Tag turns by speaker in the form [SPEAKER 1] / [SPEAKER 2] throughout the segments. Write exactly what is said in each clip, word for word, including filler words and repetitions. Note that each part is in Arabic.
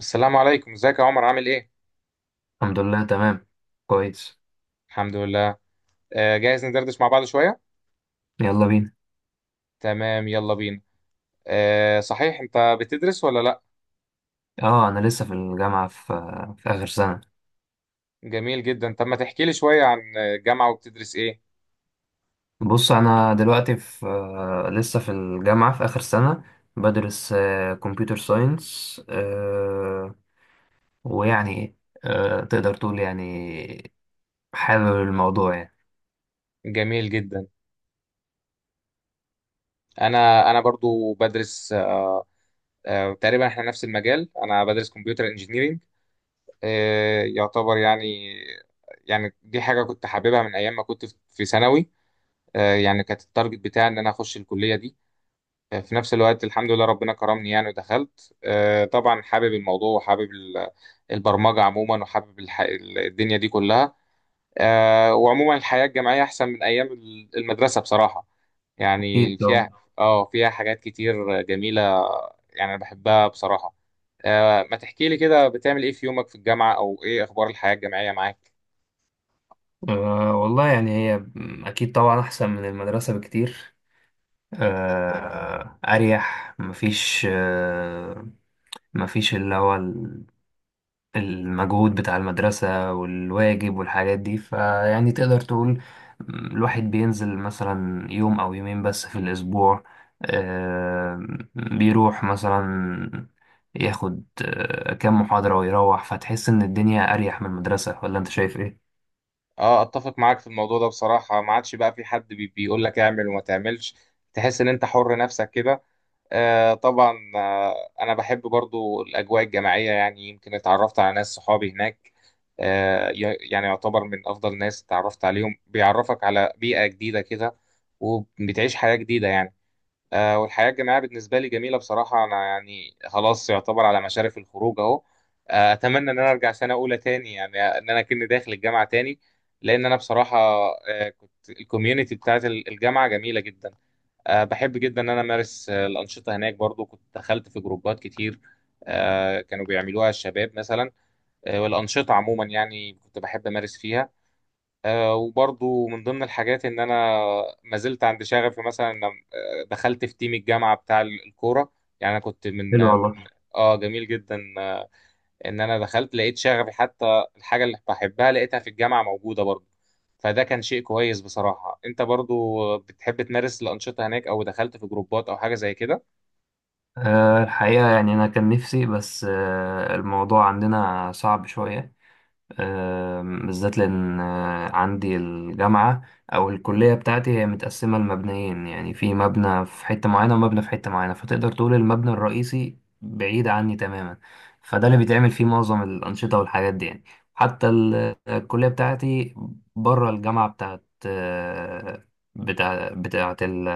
[SPEAKER 1] السلام عليكم، ازيك يا عمر؟ عامل ايه؟
[SPEAKER 2] الحمد لله، تمام، كويس.
[SPEAKER 1] الحمد لله. آه، جاهز ندردش مع بعض شوية.
[SPEAKER 2] يلا بينا.
[SPEAKER 1] تمام، يلا بينا. آه، صحيح، انت بتدرس ولا لا؟
[SPEAKER 2] اه، انا لسه في الجامعه في في اخر سنه.
[SPEAKER 1] جميل جدا. طب ما تحكي لي شوية عن الجامعة وبتدرس ايه؟
[SPEAKER 2] بص انا دلوقتي في آه، لسه في الجامعه في اخر سنه. بدرس كمبيوتر ساينس. ويعني آه، تقدر تقول يعني حابب الموضوع يعني.
[SPEAKER 1] جميل جدا. انا انا برضو بدرس. آه تقريبا احنا نفس المجال، انا بدرس كمبيوتر انجينيرينج. آه يعتبر يعني، يعني دي حاجة كنت حاببها من ايام ما كنت في في ثانوي. آه يعني كانت التارجت بتاعي ان انا اخش الكلية دي. في نفس الوقت الحمد لله ربنا كرمني، يعني ودخلت. آه، طبعا حابب الموضوع وحابب ال- البرمجة عموما، وحابب الح... ال- الدنيا دي كلها. آه، وعموما الحياة الجامعية أحسن من أيام ال- المدرسة بصراحة.
[SPEAKER 2] اكيد
[SPEAKER 1] يعني فيها
[SPEAKER 2] طبعا.
[SPEAKER 1] اه فيها حاجات كتير جميلة، يعني أنا بحبها بصراحة. آه، ما تحكي لي كده، بتعمل إيه في يومك في الجامعة؟ أو إيه أخبار الحياة الجامعية معاك؟
[SPEAKER 2] آه، والله يعني هي اكيد طبعا احسن من المدرسه بكتير. آه، اريح، مفيش آه، مفيش اللي هو المجهود بتاع المدرسة والواجب والحاجات دي. فيعني تقدر تقول م، الواحد بينزل مثلا يوم أو يومين بس في الأسبوع. آه، بيروح مثلا ياخد آه، كام محاضرة ويروح، فتحس إن الدنيا أريح من المدرسة. ولا أنت شايف إيه؟
[SPEAKER 1] اه اتفق معاك في الموضوع ده بصراحة. ما عادش بقى في حد بي- بيقول لك اعمل وما تعملش. تحس ان انت حر نفسك كده. آه طبعا آه أنا بحب برضو الأجواء الجماعية. يعني يمكن اتعرفت على ناس صحابي هناك، آه ي- يعني يعتبر من أفضل ناس اتعرفت عليهم. بيعرفك على بيئة جديدة كده، وبتعيش حياة جديدة يعني. آه والحياة الجماعية بالنسبة لي جميلة بصراحة. أنا يعني خلاص يعتبر على مشارف الخروج أهو. آه أتمنى إن أنا أرجع سنة أولى تاني، يعني إن أنا كني داخل الجامعة تاني. لأن أنا بصراحة آه كنت الكوميونتي بتاعت الجامعة جميلة جدا. آه، بحب جدا ان انا امارس آه، الانشطه هناك. برضو كنت دخلت في جروبات كتير آه، كانوا بيعملوها الشباب مثلا. آه، والانشطه عموما يعني كنت بحب امارس فيها. آه، وبرضو من ضمن الحاجات ان انا ما زلت عند شغفي، مثلا إن، آه، دخلت في تيم الجامعه بتاع الكوره. يعني انا كنت من
[SPEAKER 2] حلو
[SPEAKER 1] اه
[SPEAKER 2] والله.
[SPEAKER 1] آه، جميل جدا. آه، ان انا دخلت لقيت شغفي، حتى الحاجه اللي بحبها لقيتها في الجامعه موجوده برضو. فده كان شيء كويس بصراحه. انت برضو بتحب تمارس الانشطه هناك، او دخلت في جروبات او حاجه زي كده؟
[SPEAKER 2] آه، الحقيقة يعني أنا كان نفسي، بس آه، الموضوع عندنا صعب شوية. آم، بالذات لأن آه، عندي الجامعة أو الكلية بتاعتي هي متقسمة لمبنيين. يعني في مبنى في حتة معينة ومبنى في حتة معينة، فتقدر تقول المبنى الرئيسي بعيد عني تماما. فده اللي بيتعمل فيه معظم الأنشطة والحاجات دي يعني. حتى ال- الكلية بتاعتي بره الجامعة، بتاعت آه، بتاع بتاعت ال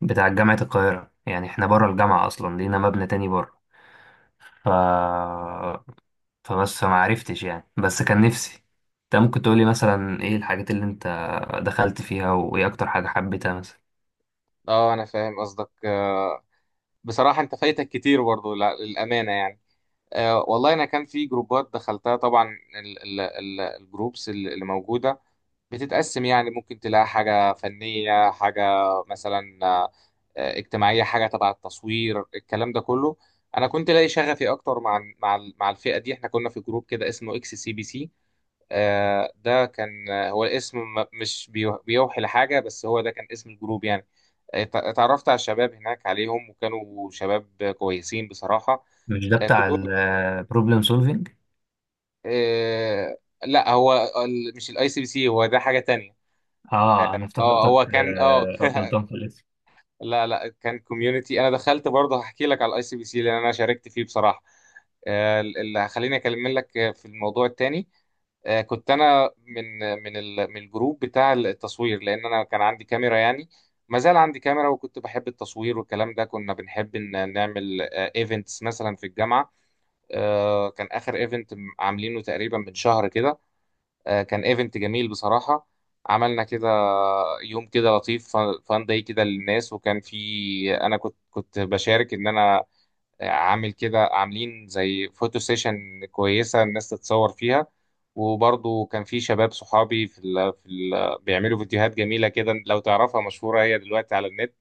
[SPEAKER 2] بتاع جامعة القاهرة. يعني احنا بره الجامعة أصلا، لينا مبنى تاني بره. ف فبس ما عرفتش يعني، بس كان نفسي. انت ممكن تقولي مثلا ايه الحاجات اللي انت دخلت فيها وايه اكتر حاجة حبيتها مثلا؟
[SPEAKER 1] اه انا فاهم قصدك. آه، بصراحه انت فايتك كتير برضه لا- للامانه يعني. آه، والله انا كان في جروبات دخلتها طبعا. ال- ال- ال- الجروبس ال- اللي موجوده بتتقسم، يعني ممكن تلاقي حاجه فنيه، حاجه مثلا آه، اجتماعيه، حاجه تبع التصوير، الكلام ده كله. انا كنت لاقي شغفي اكتر مع مع مع الفئه دي. احنا كنا في جروب كده اسمه اكس سي بي سي. آه، ده كان آه، هو الاسم م- مش بيو- بيوحي لحاجة، بس هو ده كان اسم الجروب يعني. آه، ت- اتعرفت على الشباب هناك، عليهم، وكانوا شباب كويسين بصراحة،
[SPEAKER 2] مش ده
[SPEAKER 1] آه،
[SPEAKER 2] بتاع
[SPEAKER 1] كلهم.
[SPEAKER 2] البروبلم سولفينج؟
[SPEAKER 1] آه، لا، هو ال- مش الاي سي بي سي، هو ده حاجة تانية.
[SPEAKER 2] اه، انا
[SPEAKER 1] اه هو
[SPEAKER 2] افتكرتك
[SPEAKER 1] كان اه
[SPEAKER 2] آه، غلطان في الاسم.
[SPEAKER 1] لا لا، كان كوميونتي انا دخلت برضه. هحكي لك على الاي سي بي سي، لان انا شاركت فيه بصراحه. آه، اللي هخليني اكلم لك آه، في الموضوع التاني. آه، كنت انا من من ال- من الجروب بتاع التصوير، لان انا كان عندي كاميرا يعني، ما زال عندي كاميرا، وكنت بحب التصوير والكلام ده. كنا بنحب ان نعمل ايفنتس مثلا في الجامعه. آه، كان اخر ايفنت عاملينه تقريبا من شهر كده. آه، كان ايفنت جميل بصراحه. عملنا كده يوم كده لطيف، فان داي كده للناس، وكان في، انا كنت كنت بشارك ان انا عامل كده، عاملين زي فوتو سيشن كويسة الناس تتصور فيها. وبرضو كان في شباب صحابي في ال في ال بيعملوا فيديوهات جميلة كده، لو تعرفها مشهورة هي دلوقتي على النت.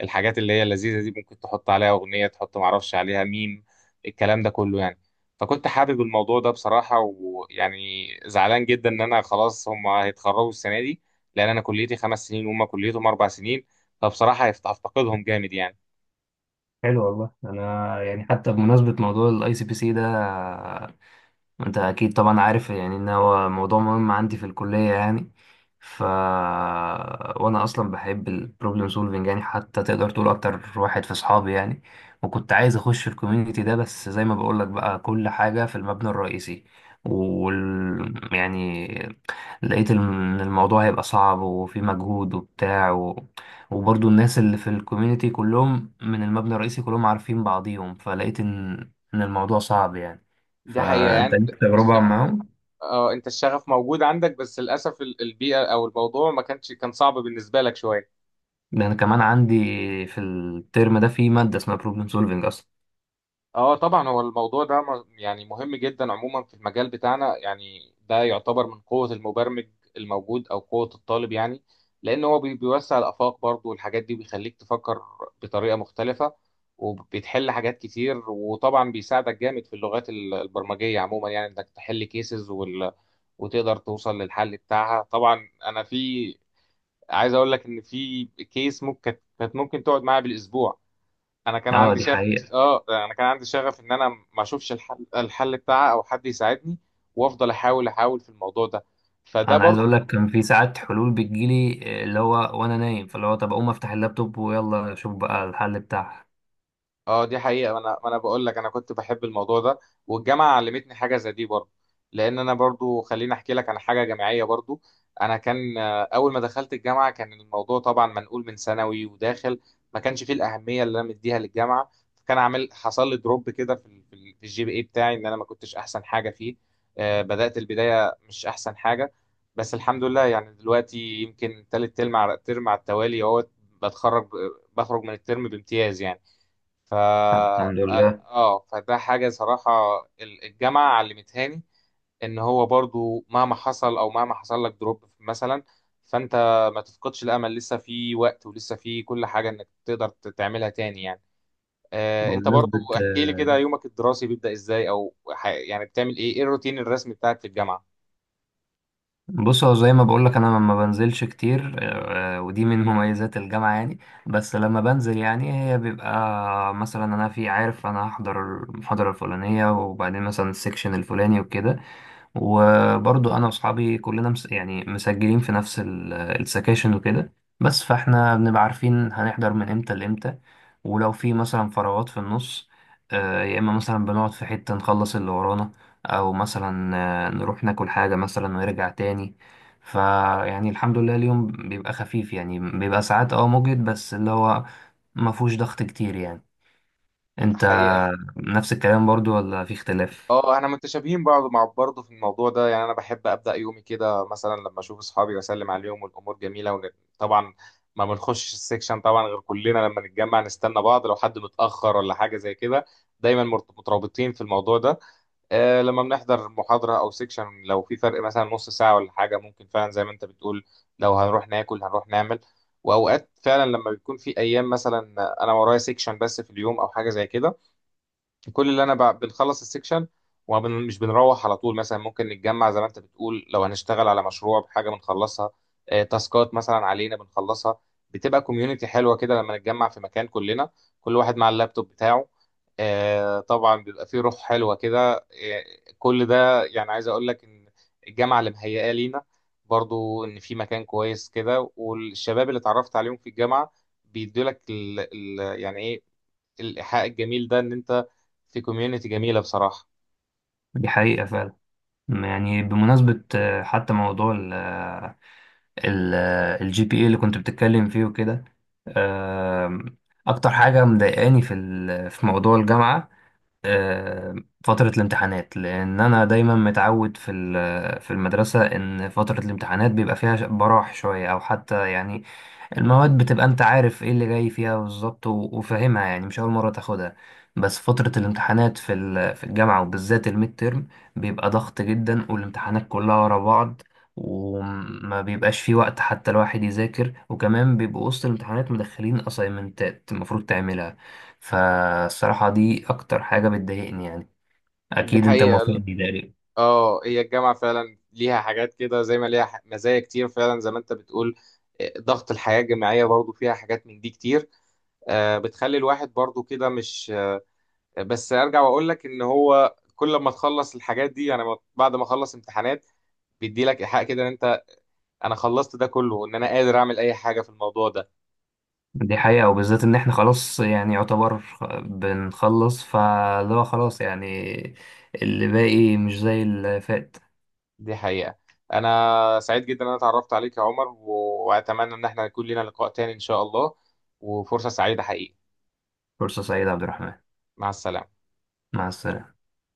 [SPEAKER 1] الحاجات اللي هي اللذيذة دي، ممكن تحط عليها أغنية، تحط معرفش عليها ميم، الكلام ده كله يعني. فكنت حابب الموضوع ده بصراحة، ويعني زعلان جدا إن أنا خلاص هم هيتخرجوا السنة دي، لأن أنا كليتي خمس سنين وهم كليتهم أربع سنين. فبصراحة هفت- هفتقدهم جامد يعني.
[SPEAKER 2] حلو والله. انا يعني حتى بمناسبة موضوع الاي سي بي سي ده، انت اكيد طبعا عارف يعني ان هو موضوع مهم عندي في الكلية يعني. ف وانا اصلا بحب البروبلم سولفنج يعني، حتى تقدر تقول اكتر واحد في اصحابي يعني. وكنت عايز اخش في الكوميونتي ده، بس زي ما بقول لك بقى، كل حاجة في المبنى الرئيسي. وال... يعني لقيت ان الموضوع هيبقى صعب وفي مجهود وبتاع و... وبرضو الناس اللي في الكوميونتي كلهم من المبنى الرئيسي، كلهم عارفين بعضيهم، فلقيت ان ان الموضوع صعب يعني.
[SPEAKER 1] دي حقيقة
[SPEAKER 2] فانت
[SPEAKER 1] يعني.
[SPEAKER 2] ليك
[SPEAKER 1] بس
[SPEAKER 2] تجربه معاهم.
[SPEAKER 1] اه، انت الشغف موجود عندك، بس للاسف ال- البيئه او الموضوع ما كانش، كان صعب بالنسبه لك شويه.
[SPEAKER 2] ده انا كمان عندي في الترم ده في ماده اسمها بروبلم سولفنج اصلا.
[SPEAKER 1] اه طبعا، هو الموضوع ده م- يعني مهم جدا عموما في المجال بتاعنا. يعني ده يعتبر من قوه المبرمج الموجود او قوه الطالب يعني. لان هو بي- بيوسع الافاق برضه، والحاجات دي بيخليك تفكر بطريقه مختلفه، وبتحل حاجات كتير. وطبعا بيساعدك جامد في اللغات ال- البرمجيه عموما، يعني انك تحل كيسز وال وتقدر توصل للحل بتاعها. طبعا انا في، عايز اقول لك ان في كيس ممكن كانت كانت ممكن تقعد معايا بالاسبوع. انا كان
[SPEAKER 2] اه
[SPEAKER 1] عندي
[SPEAKER 2] دي
[SPEAKER 1] شغف
[SPEAKER 2] حقيقه.
[SPEAKER 1] اه انا كان عندي شغف ان انا ما اشوفش الحل الحل بتاعها او حد يساعدني، وافضل احاول احاول في الموضوع ده. فده
[SPEAKER 2] انا عايز
[SPEAKER 1] برضو.
[SPEAKER 2] اقول لك كان في ساعات حلول بتجيلي آه، اللي هو وانا نايم، فاللي هو طب اقوم افتح اللابتوب ويلا اشوف بقى الحل بتاعها.
[SPEAKER 1] اه دي حقيقة، ما انا ما انا بقول لك انا كنت بحب الموضوع ده، والجامعة علمتني حاجة زي دي برضو. لان انا برضو، خليني احكي لك عن حاجة جامعية برضو. انا كان آه، اول ما دخلت الجامعة كان الموضوع طبعا منقول من ثانوي وداخل، ما كانش فيه الأهمية اللي انا مديها للجامعة. فكان عامل، حصل لي دروب كده في ال- في ال- في الجي بي اي بتاعي، ان انا ما كنتش احسن حاجة فيه. آه، بدأت البداية مش احسن حاجة. بس الحمد لله، يعني دلوقتي يمكن تالت ترم على ترم على التوالي اهوت بتخرج بخرج من الترم بامتياز يعني. ف
[SPEAKER 2] الحمد لله.
[SPEAKER 1] اه فده حاجة صراحة ال- الجامعة علمتهاني، ان هو برضو مهما حصل، او مهما حصل لك دروب مثلا، فانت ما تفقدش الامل. لسه في وقت ولسه في كل حاجة انك تقدر ت- تعملها تاني يعني. آه انت برضو
[SPEAKER 2] بمناسبة
[SPEAKER 1] احكي لي
[SPEAKER 2] آه،
[SPEAKER 1] كده، يومك الدراسي بيبدأ ازاي، او ح- يعني بتعمل ايه؟ ايه الروتين الرسمي بتاعك في الجامعة؟
[SPEAKER 2] بص، هو زي ما بقول لك انا ما بنزلش كتير. آه، ودي من مميزات الجامعة يعني. بس لما بنزل يعني، هي بيبقى مثلا انا في عارف انا هحضر المحاضرة الفلانية، وبعدين مثلا السكشن الفلاني وكده. وبرضو انا واصحابي كلنا مس يعني مسجلين في نفس ال- السكاشن وكده. بس فاحنا بنبقى عارفين هنحضر من امتى لامتى. ولو في مثلا فراغات في النص، آه، يا اما مثلا بنقعد في حتة نخلص اللي ورانا، او مثلا آه، نروح ناكل حاجة مثلا ونرجع تاني. فيعني الحمد لله اليوم بيبقى خفيف يعني، بيبقى ساعات اه مجهد بس اللي هو ما فيهوش ضغط كتير يعني. انت
[SPEAKER 1] حقيقة
[SPEAKER 2] نفس الكلام برضو ولا في اختلاف؟
[SPEAKER 1] اه احنا متشابهين بعض مع برضه في الموضوع ده. يعني انا بحب ابدا يومي كده، مثلا لما اشوف اصحابي واسلم عليهم والامور جميله ون... طبعا. ما بنخشش السكشن طبعا غير كلنا لما نتجمع، نستنى بعض لو حد متاخر ولا حاجه زي كده. دايما مرت- مترابطين في الموضوع ده. آه لما بنحضر محاضره او سكشن، لو في فرق مثلا نص ساعه ولا حاجه، ممكن فعلا زي ما انت بتقول لو هنروح ناكل، هنروح نعمل. واوقات فعلا لما بيكون في ايام مثلا انا ورايا سكشن بس في اليوم او حاجه زي كده، كل اللي انا ب- بنخلص السكشن ومش بنروح على طول. مثلا ممكن نتجمع زي ما انت بتقول، لو هنشتغل على مشروع، بحاجه بنخلصها، آه، تاسكات مثلا علينا بنخلصها. بتبقى كوميونتي حلوه كده لما نتجمع في مكان كلنا، كل واحد مع اللابتوب بتاعه. آه، طبعا بيبقى فيه روح حلوه كده. آه، كل ده يعني عايز اقول لك ان الجامعه اللي مهيئه لينا برضو ان في مكان كويس كده، والشباب اللي اتعرفت عليهم في الجامعه بيدولك ال ال يعني ايه، الإيحاء الجميل ده، إن أنت في كوميونيتي جميلة بصراحة.
[SPEAKER 2] دي حقيقة. يعني بمناسبة آه، حتى موضوع ال آه، ال الجي بي اي اللي كنت بتتكلم فيه وكده، آم، أكتر حاجة مضايقاني في ال- في موضوع الجامعة آم، فترة الامتحانات. لأن أنا دايما متعود في ال- آه، في المدرسة إن فترة الامتحانات بيبقى فيها براح شوية، أو حتى يعني المواد بتبقى انت عارف ايه اللي جاي فيها بالظبط و- وفاهمها يعني مش اول مرة تاخدها. بس فترة الامتحانات في ال- في الجامعة وبالذات الميد تيرم، بيبقى ضغط جدا والامتحانات كلها ورا بعض، وما بيبقاش في وقت حتى الواحد يذاكر، وكمان بيبقوا وسط الامتحانات مدخلين اسايمنتات المفروض تعملها. فالصراحة دي اكتر حاجة بتضايقني يعني.
[SPEAKER 1] دي
[SPEAKER 2] اكيد انت
[SPEAKER 1] حقيقة. ال-
[SPEAKER 2] موافقني.
[SPEAKER 1] اه هي الجامعة فعلا ليها حاجات كده، زي ما ليها ح- مزايا كتير فعلا زي ما أنت بتقول. آه، ضغط الحياة الجامعية برضو فيها حاجات من دي كتير. آه، بتخلي الواحد برضو كده مش. آه، بس أرجع وأقول لك إن هو كل ما تخلص الحاجات دي يعني، ما- بعد ما أخلص امتحانات، بيدي لك إيحاء كده إن أنت، أنا خلصت ده كله وإن أنا قادر أعمل أي حاجة في الموضوع ده.
[SPEAKER 2] دي حقيقة، وبالذات إن إحنا خلاص يعني يعتبر خ- بنخلص، فاللي هو خلاص يعني، اللي باقي مش زي اللي فات.
[SPEAKER 1] دي حقيقة. أنا سعيد جدا إن أنا اتعرفت عليك يا عمر، و- وأتمنى إن احنا يكون لنا لقاء تاني إن شاء الله. وفرصة سعيدة حقيقي.
[SPEAKER 2] فرصة سعيدة يا عبد الرحمن.
[SPEAKER 1] مع السلامة.
[SPEAKER 2] مع السلامة.